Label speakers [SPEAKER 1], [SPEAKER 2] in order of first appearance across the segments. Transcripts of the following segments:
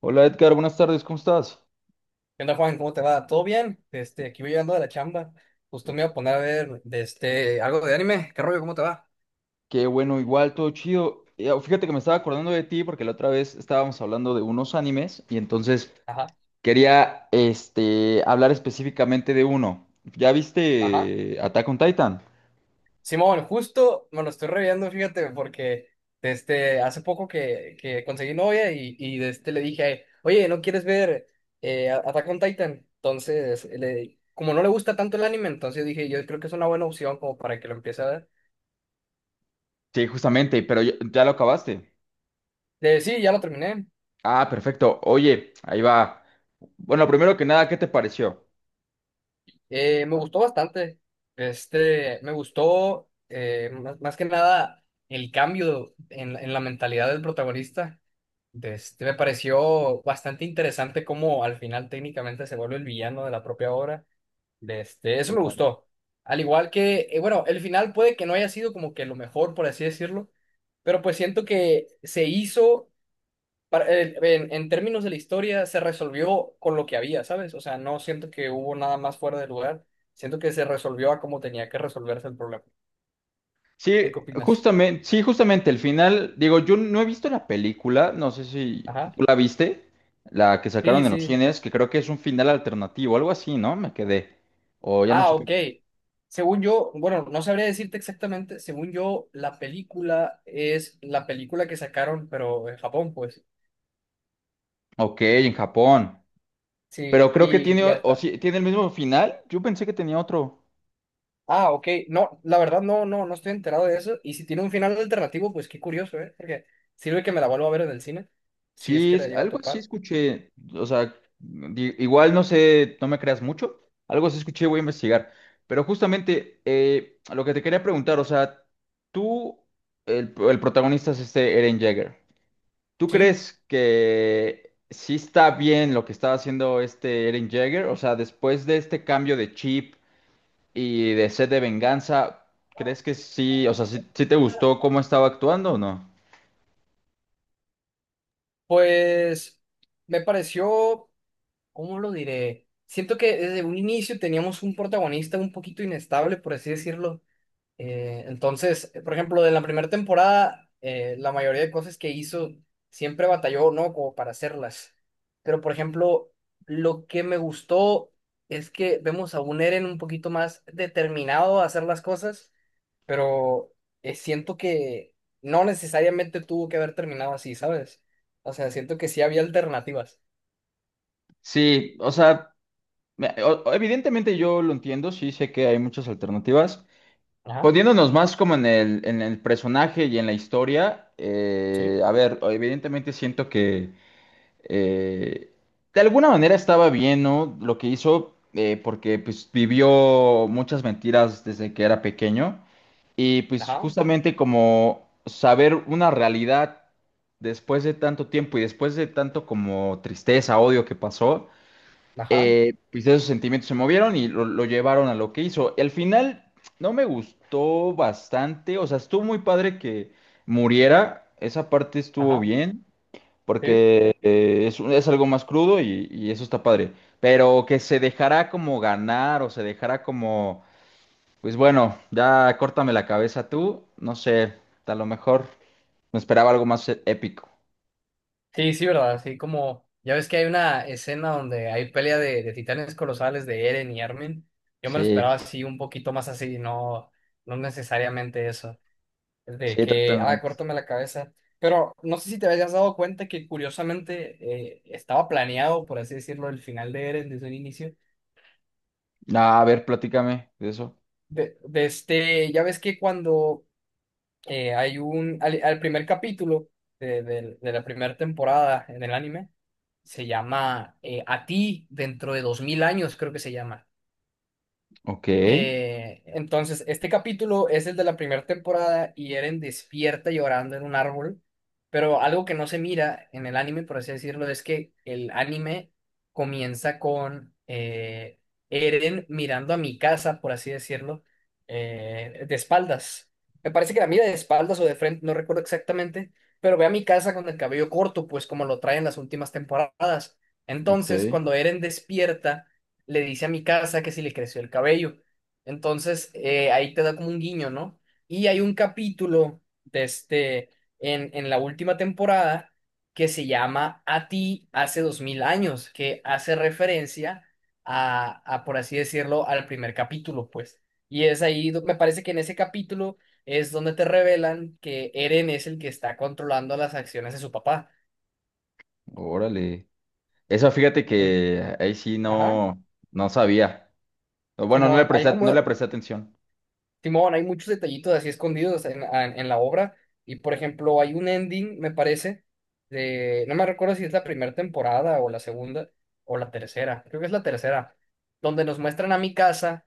[SPEAKER 1] Hola Edgar, buenas tardes, ¿cómo estás?
[SPEAKER 2] ¿Qué onda, Juan? ¿Cómo te va? ¿Todo bien? Aquí voy llegando de la chamba. Justo me iba a poner a ver algo de anime. ¿Qué rollo? ¿Cómo te va?
[SPEAKER 1] Qué bueno, igual, todo chido. Oh, Fíjate que me estaba acordando de ti porque la otra vez estábamos hablando de unos animes y entonces
[SPEAKER 2] Ajá,
[SPEAKER 1] quería hablar específicamente de uno. ¿Ya
[SPEAKER 2] ajá.
[SPEAKER 1] viste Attack on Titan?
[SPEAKER 2] Simón, justo me lo estoy reviendo, fíjate, porque hace poco que conseguí novia y le dije, oye, ¿no quieres ver Attack on Titan? Entonces, como no le gusta tanto el anime, entonces dije, yo creo que es una buena opción como para que lo empiece a ver.
[SPEAKER 1] Sí, justamente, pero ya lo acabaste.
[SPEAKER 2] Sí, ya lo terminé.
[SPEAKER 1] Ah, perfecto. Oye, ahí va. Bueno, primero que nada, ¿qué te pareció?
[SPEAKER 2] Me gustó bastante. Me gustó más, más que nada el cambio en la mentalidad del protagonista. Me pareció bastante interesante cómo al final técnicamente se vuelve el villano de la propia obra. Eso me
[SPEAKER 1] Claro.
[SPEAKER 2] gustó. Al igual que, bueno, el final puede que no haya sido como que lo mejor, por así decirlo, pero pues siento que se hizo en términos de la historia, se resolvió con lo que había, ¿sabes? O sea, no siento que hubo nada más fuera de lugar. Siento que se resolvió a como tenía que resolverse el problema. ¿Tú
[SPEAKER 1] Sí,
[SPEAKER 2] qué opinas?
[SPEAKER 1] sí, justamente el final, digo, yo no he visto la película, no sé si
[SPEAKER 2] Ajá.
[SPEAKER 1] tú la viste, la que sacaron
[SPEAKER 2] Sí,
[SPEAKER 1] en los
[SPEAKER 2] sí.
[SPEAKER 1] cines, que creo que es un final alternativo, algo así, ¿no? Me quedé. O ya no
[SPEAKER 2] Ah,
[SPEAKER 1] supe.
[SPEAKER 2] ok. Según yo, bueno, no sabría decirte exactamente. Según yo, la película es la película que sacaron, pero en Japón, pues.
[SPEAKER 1] Ok, en Japón.
[SPEAKER 2] Sí,
[SPEAKER 1] Pero
[SPEAKER 2] y,
[SPEAKER 1] creo que
[SPEAKER 2] y
[SPEAKER 1] tiene,
[SPEAKER 2] ya
[SPEAKER 1] o
[SPEAKER 2] está.
[SPEAKER 1] sí, tiene el mismo final. Yo pensé que tenía otro.
[SPEAKER 2] Ah, ok. No, la verdad no estoy enterado de eso. Y si tiene un final alternativo, pues qué curioso, ¿eh? Porque sirve que me la vuelva a ver en el cine, si es
[SPEAKER 1] Sí,
[SPEAKER 2] que la llevo a
[SPEAKER 1] algo así
[SPEAKER 2] topar.
[SPEAKER 1] escuché, o sea, igual no sé, no me creas mucho, algo así escuché, voy a investigar, pero justamente lo que te quería preguntar, o sea, tú, el protagonista es este Eren Jaeger. ¿Tú
[SPEAKER 2] Sí,
[SPEAKER 1] crees que sí está bien lo que estaba haciendo este Eren Jaeger? O sea, después de este cambio de chip y de sed de venganza, ¿crees que sí, o sea, sí te gustó cómo estaba actuando o no?
[SPEAKER 2] pues me pareció, ¿cómo lo diré? Siento que desde un inicio teníamos un protagonista un poquito inestable, por así decirlo. Entonces, por ejemplo, de la primera temporada, la mayoría de cosas que hizo siempre batalló, ¿no? Como para hacerlas. Pero, por ejemplo, lo que me gustó es que vemos a un Eren un poquito más determinado a hacer las cosas, pero siento que no necesariamente tuvo que haber terminado así, ¿sabes? O sea, siento que sí había alternativas.
[SPEAKER 1] Sí, o sea... Evidentemente yo lo entiendo, sí sé que hay muchas alternativas.
[SPEAKER 2] Ajá,
[SPEAKER 1] Poniéndonos más como en el personaje y en la historia,
[SPEAKER 2] sí,
[SPEAKER 1] a ver, evidentemente siento que eh, de alguna manera estaba bien, ¿no? Lo que hizo, porque pues vivió muchas mentiras desde que era pequeño. Y pues
[SPEAKER 2] ajá,
[SPEAKER 1] justamente como saber una realidad después de tanto tiempo y después de tanto como tristeza, odio que pasó,
[SPEAKER 2] ajá,
[SPEAKER 1] pues esos sentimientos se movieron y lo llevaron a lo que hizo. El final no me gustó bastante, o sea, estuvo muy padre que muriera, esa parte estuvo
[SPEAKER 2] ajá,
[SPEAKER 1] bien,
[SPEAKER 2] sí.
[SPEAKER 1] porque es, es algo más crudo y eso está padre, pero que se dejará como ganar o se dejará como, pues bueno, ya córtame la cabeza tú, no sé, a lo mejor me esperaba algo más épico.
[SPEAKER 2] Sí, sí, verdad, así como, ya ves que hay una escena donde hay pelea de titanes colosales de Eren y Armin, yo me lo
[SPEAKER 1] Sí,
[SPEAKER 2] esperaba así un poquito más así, no, no necesariamente eso, es de
[SPEAKER 1] sí,
[SPEAKER 2] que, ah,
[SPEAKER 1] totalmente.
[SPEAKER 2] córtame la cabeza, pero no sé si te habías dado cuenta que curiosamente estaba planeado, por así decirlo, el final de Eren desde un inicio,
[SPEAKER 1] No, a ver, platícame de eso.
[SPEAKER 2] ya ves que cuando al primer capítulo de la primera temporada en el anime, se llama A ti dentro de 2000 años, creo que se llama.
[SPEAKER 1] Ok.
[SPEAKER 2] Entonces, este capítulo es el de la primera temporada y Eren despierta llorando en un árbol, pero algo que no se mira en el anime, por así decirlo, es que el anime comienza con Eren mirando a mi casa, por así decirlo, de espaldas. Me parece que la mira de espaldas o de frente, no recuerdo exactamente, pero ve a mi casa con el cabello corto, pues como lo trae en las últimas temporadas.
[SPEAKER 1] Ok,
[SPEAKER 2] Entonces, cuando Eren despierta, le dice a mi casa que si le creció el cabello. Entonces, ahí te da como un guiño, ¿no? Y hay un capítulo en la última temporada que se llama A ti hace 2000 años, que hace referencia a, por así decirlo, al primer capítulo, pues. Y es ahí, me parece que en ese capítulo es donde te revelan que Eren es el que está controlando las acciones de su papá.
[SPEAKER 1] órale. Eso fíjate
[SPEAKER 2] En-
[SPEAKER 1] que ahí sí
[SPEAKER 2] ajá,
[SPEAKER 1] no, no sabía. O bueno, no le
[SPEAKER 2] Simón, hay
[SPEAKER 1] presté,
[SPEAKER 2] como,
[SPEAKER 1] no le presté atención.
[SPEAKER 2] Simón, hay muchos detallitos así escondidos en la obra. Y por ejemplo, hay un ending, me parece, de. No me recuerdo si es la primera temporada o la segunda o la tercera. Creo que es la tercera. Donde nos muestran a mi casa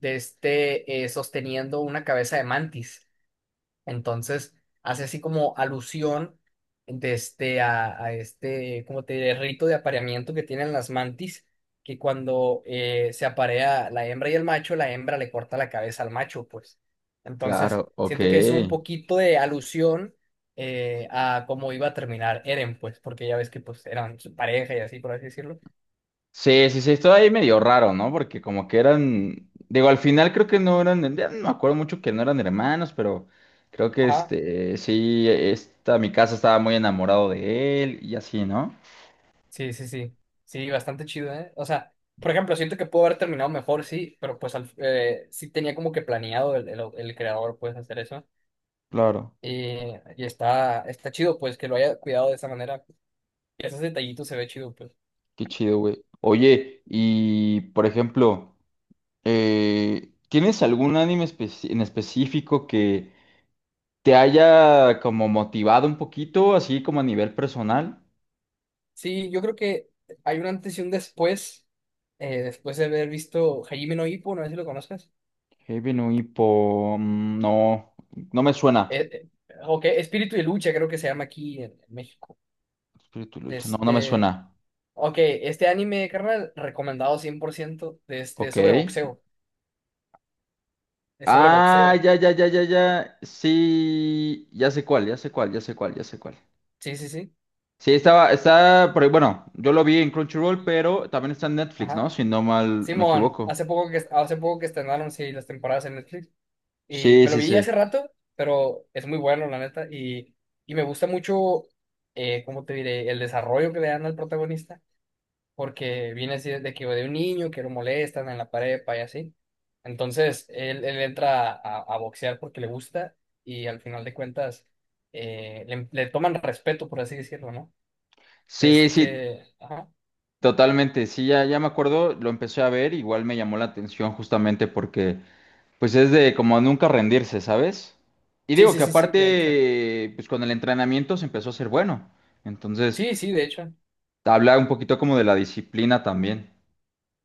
[SPEAKER 2] sosteniendo una cabeza de mantis. Entonces, hace así como alusión de este, a este, como te diré, rito de apareamiento que tienen las mantis, que cuando se aparea la hembra y el macho, la hembra le corta la cabeza al macho, pues. Entonces,
[SPEAKER 1] Claro, ok.
[SPEAKER 2] siento que es un poquito de alusión a cómo iba a terminar Eren, pues, porque ya ves que pues eran su pareja y así, por así decirlo.
[SPEAKER 1] Sí, sí, sí, esto ahí medio raro, ¿no? Porque como que eran,
[SPEAKER 2] Sí.
[SPEAKER 1] digo, al final creo que no eran, ya no me acuerdo mucho que no eran hermanos, pero creo que
[SPEAKER 2] Ajá.
[SPEAKER 1] sí, esta, mi casa estaba muy enamorado de él y así, ¿no?
[SPEAKER 2] Sí, sí, sí. Sí, bastante chido, ¿eh? O sea, por ejemplo, siento que pudo haber terminado mejor, sí, pero pues sí tenía como que planeado el creador, pues, hacer eso.
[SPEAKER 1] Claro,
[SPEAKER 2] Y, y está, está chido, pues, que lo haya cuidado de esa manera. Y esos detallitos se ve chido, pues.
[SPEAKER 1] qué chido, güey. Oye, y por ejemplo... ¿tienes algún anime en específico que te haya como motivado un poquito, así como a nivel personal?
[SPEAKER 2] Sí, yo creo que hay un antes y un después, después de haber visto Hajime no Ippo, no sé si lo conoces.
[SPEAKER 1] Heavy no Hippo, mm, no, no me suena.
[SPEAKER 2] Eh, eh, ok, Espíritu de Lucha creo que se llama aquí en México.
[SPEAKER 1] Espíritu lucha, no, no me
[SPEAKER 2] Este...
[SPEAKER 1] suena.
[SPEAKER 2] Ok, este anime, carnal, recomendado 100%
[SPEAKER 1] Ok.
[SPEAKER 2] sobre boxeo. Es sobre
[SPEAKER 1] Ah,
[SPEAKER 2] boxeo.
[SPEAKER 1] ya, ya, ya, ya, ya. Sí, ya sé cuál, ya sé cuál, ya sé cuál, ya sé cuál.
[SPEAKER 2] Sí, sí, sí.
[SPEAKER 1] Sí, estaba, está por ahí, bueno, yo lo vi en Crunchyroll, pero también está en Netflix, ¿no?
[SPEAKER 2] Ajá.
[SPEAKER 1] Si no mal me
[SPEAKER 2] Simón,
[SPEAKER 1] equivoco.
[SPEAKER 2] hace poco que estrenaron sí las temporadas en Netflix y
[SPEAKER 1] Sí,
[SPEAKER 2] me lo
[SPEAKER 1] sí,
[SPEAKER 2] vi hace
[SPEAKER 1] sí.
[SPEAKER 2] rato, pero es muy bueno la neta y me gusta mucho ¿cómo te diré? El desarrollo que le dan al protagonista porque viene así de que de un niño que lo molestan en la prepa y así. Entonces, él entra a boxear porque le gusta y al final de cuentas le toman respeto, por así decirlo, ¿no?
[SPEAKER 1] Sí, sí,
[SPEAKER 2] Este, ajá.
[SPEAKER 1] totalmente, sí, ya me acuerdo, lo empecé a ver, igual me llamó la atención justamente porque pues es de como nunca rendirse, ¿sabes? Y
[SPEAKER 2] Sí,
[SPEAKER 1] digo
[SPEAKER 2] sí,
[SPEAKER 1] que
[SPEAKER 2] sí, sí, de hecho.
[SPEAKER 1] aparte, pues con el entrenamiento se empezó a ser bueno, entonces
[SPEAKER 2] Sí, sí, de hecho.
[SPEAKER 1] habla un poquito como de la disciplina también.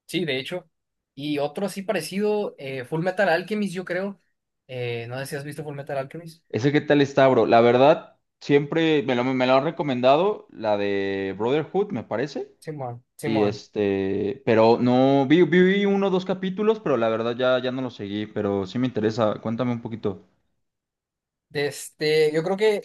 [SPEAKER 2] Sí, de hecho. Y otro así parecido, Full Metal Alchemist, yo creo. No sé si has visto Full Metal Alchemist.
[SPEAKER 1] Ese qué tal está, bro, la verdad, siempre me lo han recomendado, la de Brotherhood, me parece,
[SPEAKER 2] Simón,
[SPEAKER 1] y
[SPEAKER 2] Simón.
[SPEAKER 1] pero no, vi uno o dos capítulos, pero la verdad ya, ya no lo seguí, pero sí me interesa, cuéntame un poquito.
[SPEAKER 2] Yo creo que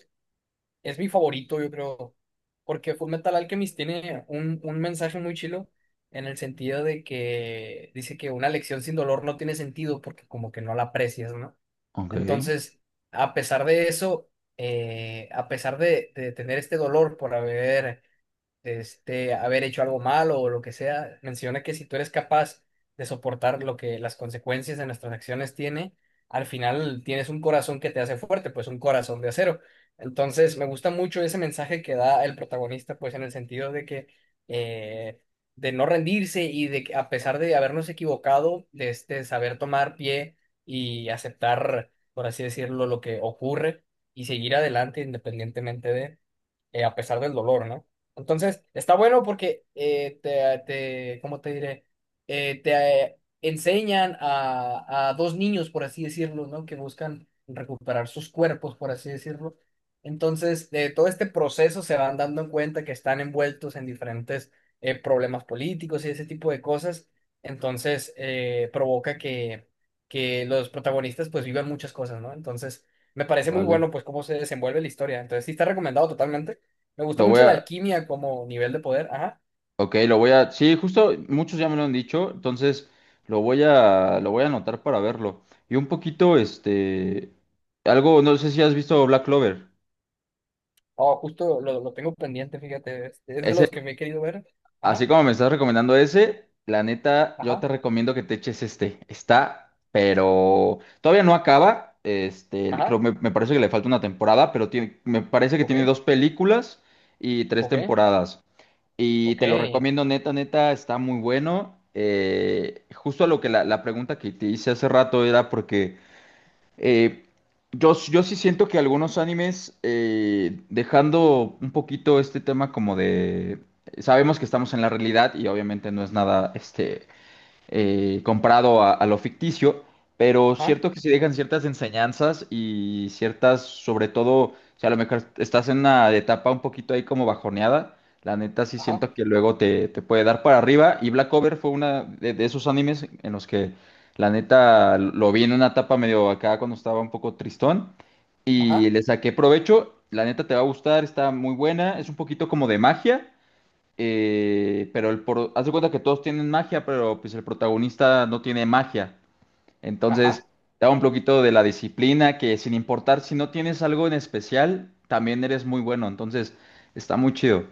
[SPEAKER 2] es mi favorito, yo creo. Porque Full Metal Alchemist tiene un mensaje muy chilo en el sentido de que dice que una lección sin dolor no tiene sentido porque como que no la aprecias, ¿no?
[SPEAKER 1] Ok.
[SPEAKER 2] Entonces, a pesar de eso, a pesar de tener este dolor por haber haber hecho algo malo o lo que sea, menciona que si tú eres capaz de soportar lo que las consecuencias de nuestras acciones tiene, al final tienes un corazón que te hace fuerte, pues un corazón de acero. Entonces, me gusta mucho ese mensaje que da el protagonista, pues en el sentido de que eh, de no rendirse y de que a pesar de habernos equivocado, de este saber tomar pie y aceptar, por así decirlo, lo que ocurre y seguir adelante independientemente de, a pesar del dolor, ¿no? Entonces, está bueno porque ¿cómo te diré? Te enseñan a dos niños, por así decirlo, ¿no? Que buscan recuperar sus cuerpos, por así decirlo. Entonces, de todo este proceso se van dando en cuenta que están envueltos en diferentes problemas políticos y ese tipo de cosas. Entonces, provoca que los protagonistas pues vivan muchas cosas, ¿no? Entonces, me parece muy
[SPEAKER 1] Vale.
[SPEAKER 2] bueno pues cómo se desenvuelve la historia. Entonces, sí está recomendado totalmente. Me gusta
[SPEAKER 1] Lo voy
[SPEAKER 2] mucho la
[SPEAKER 1] a,
[SPEAKER 2] alquimia como nivel de poder. Ajá.
[SPEAKER 1] ok, lo voy a, sí, justo muchos ya me lo han dicho, entonces lo voy a anotar para verlo. Y un poquito, algo, no sé si has visto Black Clover.
[SPEAKER 2] Oh, justo lo tengo pendiente, fíjate. Es de
[SPEAKER 1] Ese,
[SPEAKER 2] los que me he querido ver.
[SPEAKER 1] así
[SPEAKER 2] Ajá,
[SPEAKER 1] como me estás recomendando ese, la neta, yo te
[SPEAKER 2] ajá,
[SPEAKER 1] recomiendo que te eches este. Está, pero todavía no acaba. Creo,
[SPEAKER 2] ajá.
[SPEAKER 1] me parece que le falta una temporada, pero tiene, me parece que
[SPEAKER 2] Ok,
[SPEAKER 1] tiene dos películas y tres
[SPEAKER 2] ok,
[SPEAKER 1] temporadas. Y
[SPEAKER 2] ok.
[SPEAKER 1] te lo recomiendo, neta, neta, está muy bueno. Justo a lo que la pregunta que te hice hace rato era porque eh, yo, yo sí siento que algunos animes, dejando un poquito este tema como de... Sabemos que estamos en la realidad y obviamente no es nada, comparado a lo ficticio, pero
[SPEAKER 2] Ajá,
[SPEAKER 1] cierto que sí dejan ciertas enseñanzas y ciertas, sobre todo, o sea, a lo mejor estás en una etapa un poquito ahí como bajoneada, la neta sí
[SPEAKER 2] ajá,
[SPEAKER 1] siento que luego te puede dar para arriba y Black Clover fue una de esos animes en los que la neta lo vi en una etapa medio acá cuando estaba un poco tristón y
[SPEAKER 2] ajá,
[SPEAKER 1] le saqué provecho, la neta te va a gustar, está muy buena, es un poquito como de magia. Pero el por... haz de cuenta que todos tienen magia, pero pues el protagonista no tiene magia. Entonces,
[SPEAKER 2] ajá.
[SPEAKER 1] da un poquito de la disciplina que sin importar si no tienes algo en especial, también eres muy bueno. Entonces, está muy chido.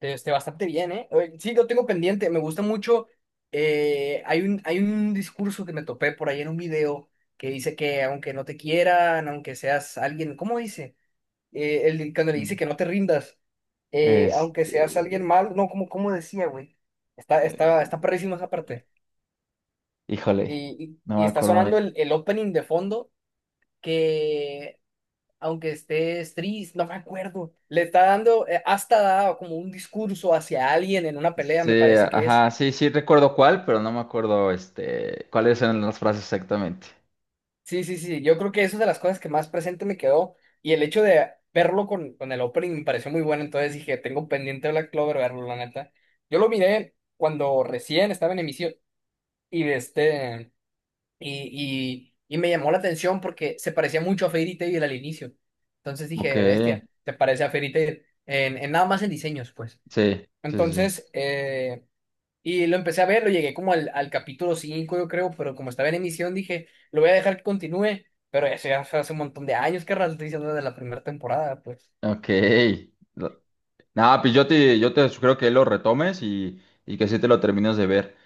[SPEAKER 2] Este, bastante bien, ¿eh? Oye, sí, lo tengo pendiente. Me gusta mucho. Hay un discurso que me topé por ahí en un video que dice que aunque no te quieran, aunque seas alguien, ¿cómo dice? Cuando le dice
[SPEAKER 1] Mm.
[SPEAKER 2] que no te rindas,
[SPEAKER 1] Es,
[SPEAKER 2] aunque seas alguien mal, no, como, como decía, güey. Está, está, está perrísima esa parte.
[SPEAKER 1] híjole,
[SPEAKER 2] Y,
[SPEAKER 1] no
[SPEAKER 2] y, y
[SPEAKER 1] me
[SPEAKER 2] está
[SPEAKER 1] acuerdo
[SPEAKER 2] sonando
[SPEAKER 1] bien.
[SPEAKER 2] el opening de fondo que, aunque estés triste, no me acuerdo, le está dando, hasta da como un discurso hacia alguien en una pelea,
[SPEAKER 1] Sí,
[SPEAKER 2] me parece que es.
[SPEAKER 1] ajá, sí, sí recuerdo cuál, pero no me acuerdo cuáles eran las frases exactamente.
[SPEAKER 2] Sí, sí, sí, yo creo que eso es de las cosas que más presente me quedó y el hecho de verlo con el opening me pareció muy bueno, entonces dije, tengo pendiente Black Clover verlo, la neta. Yo lo miré cuando recién estaba en emisión y de este y y me llamó la atención porque se parecía mucho a Fairy Tail al inicio. Entonces
[SPEAKER 1] Ok,
[SPEAKER 2] dije, bestia, te parece a Fairy Tail en nada más en diseños, pues.
[SPEAKER 1] sí, sí, sí. Sí.
[SPEAKER 2] Entonces, y lo empecé a ver, lo llegué como al capítulo 5 yo creo, pero como estaba en emisión, dije, lo voy a dejar que continúe, pero eso ya fue hace un montón de años, que estoy diciendo de la primera temporada, pues.
[SPEAKER 1] Ok. Nada, pues yo te sugiero que lo retomes y que sí te lo termines de ver.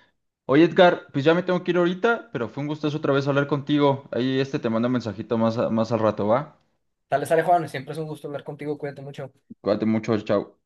[SPEAKER 1] Oye, Edgar, pues ya me tengo que ir ahorita, pero fue un gustazo otra vez hablar contigo. Ahí este te mando un mensajito más, más al rato, ¿va?
[SPEAKER 2] Tal vez, Alejandro, siempre es un gusto hablar contigo, cuídate mucho.
[SPEAKER 1] Cuídate mucho, chao.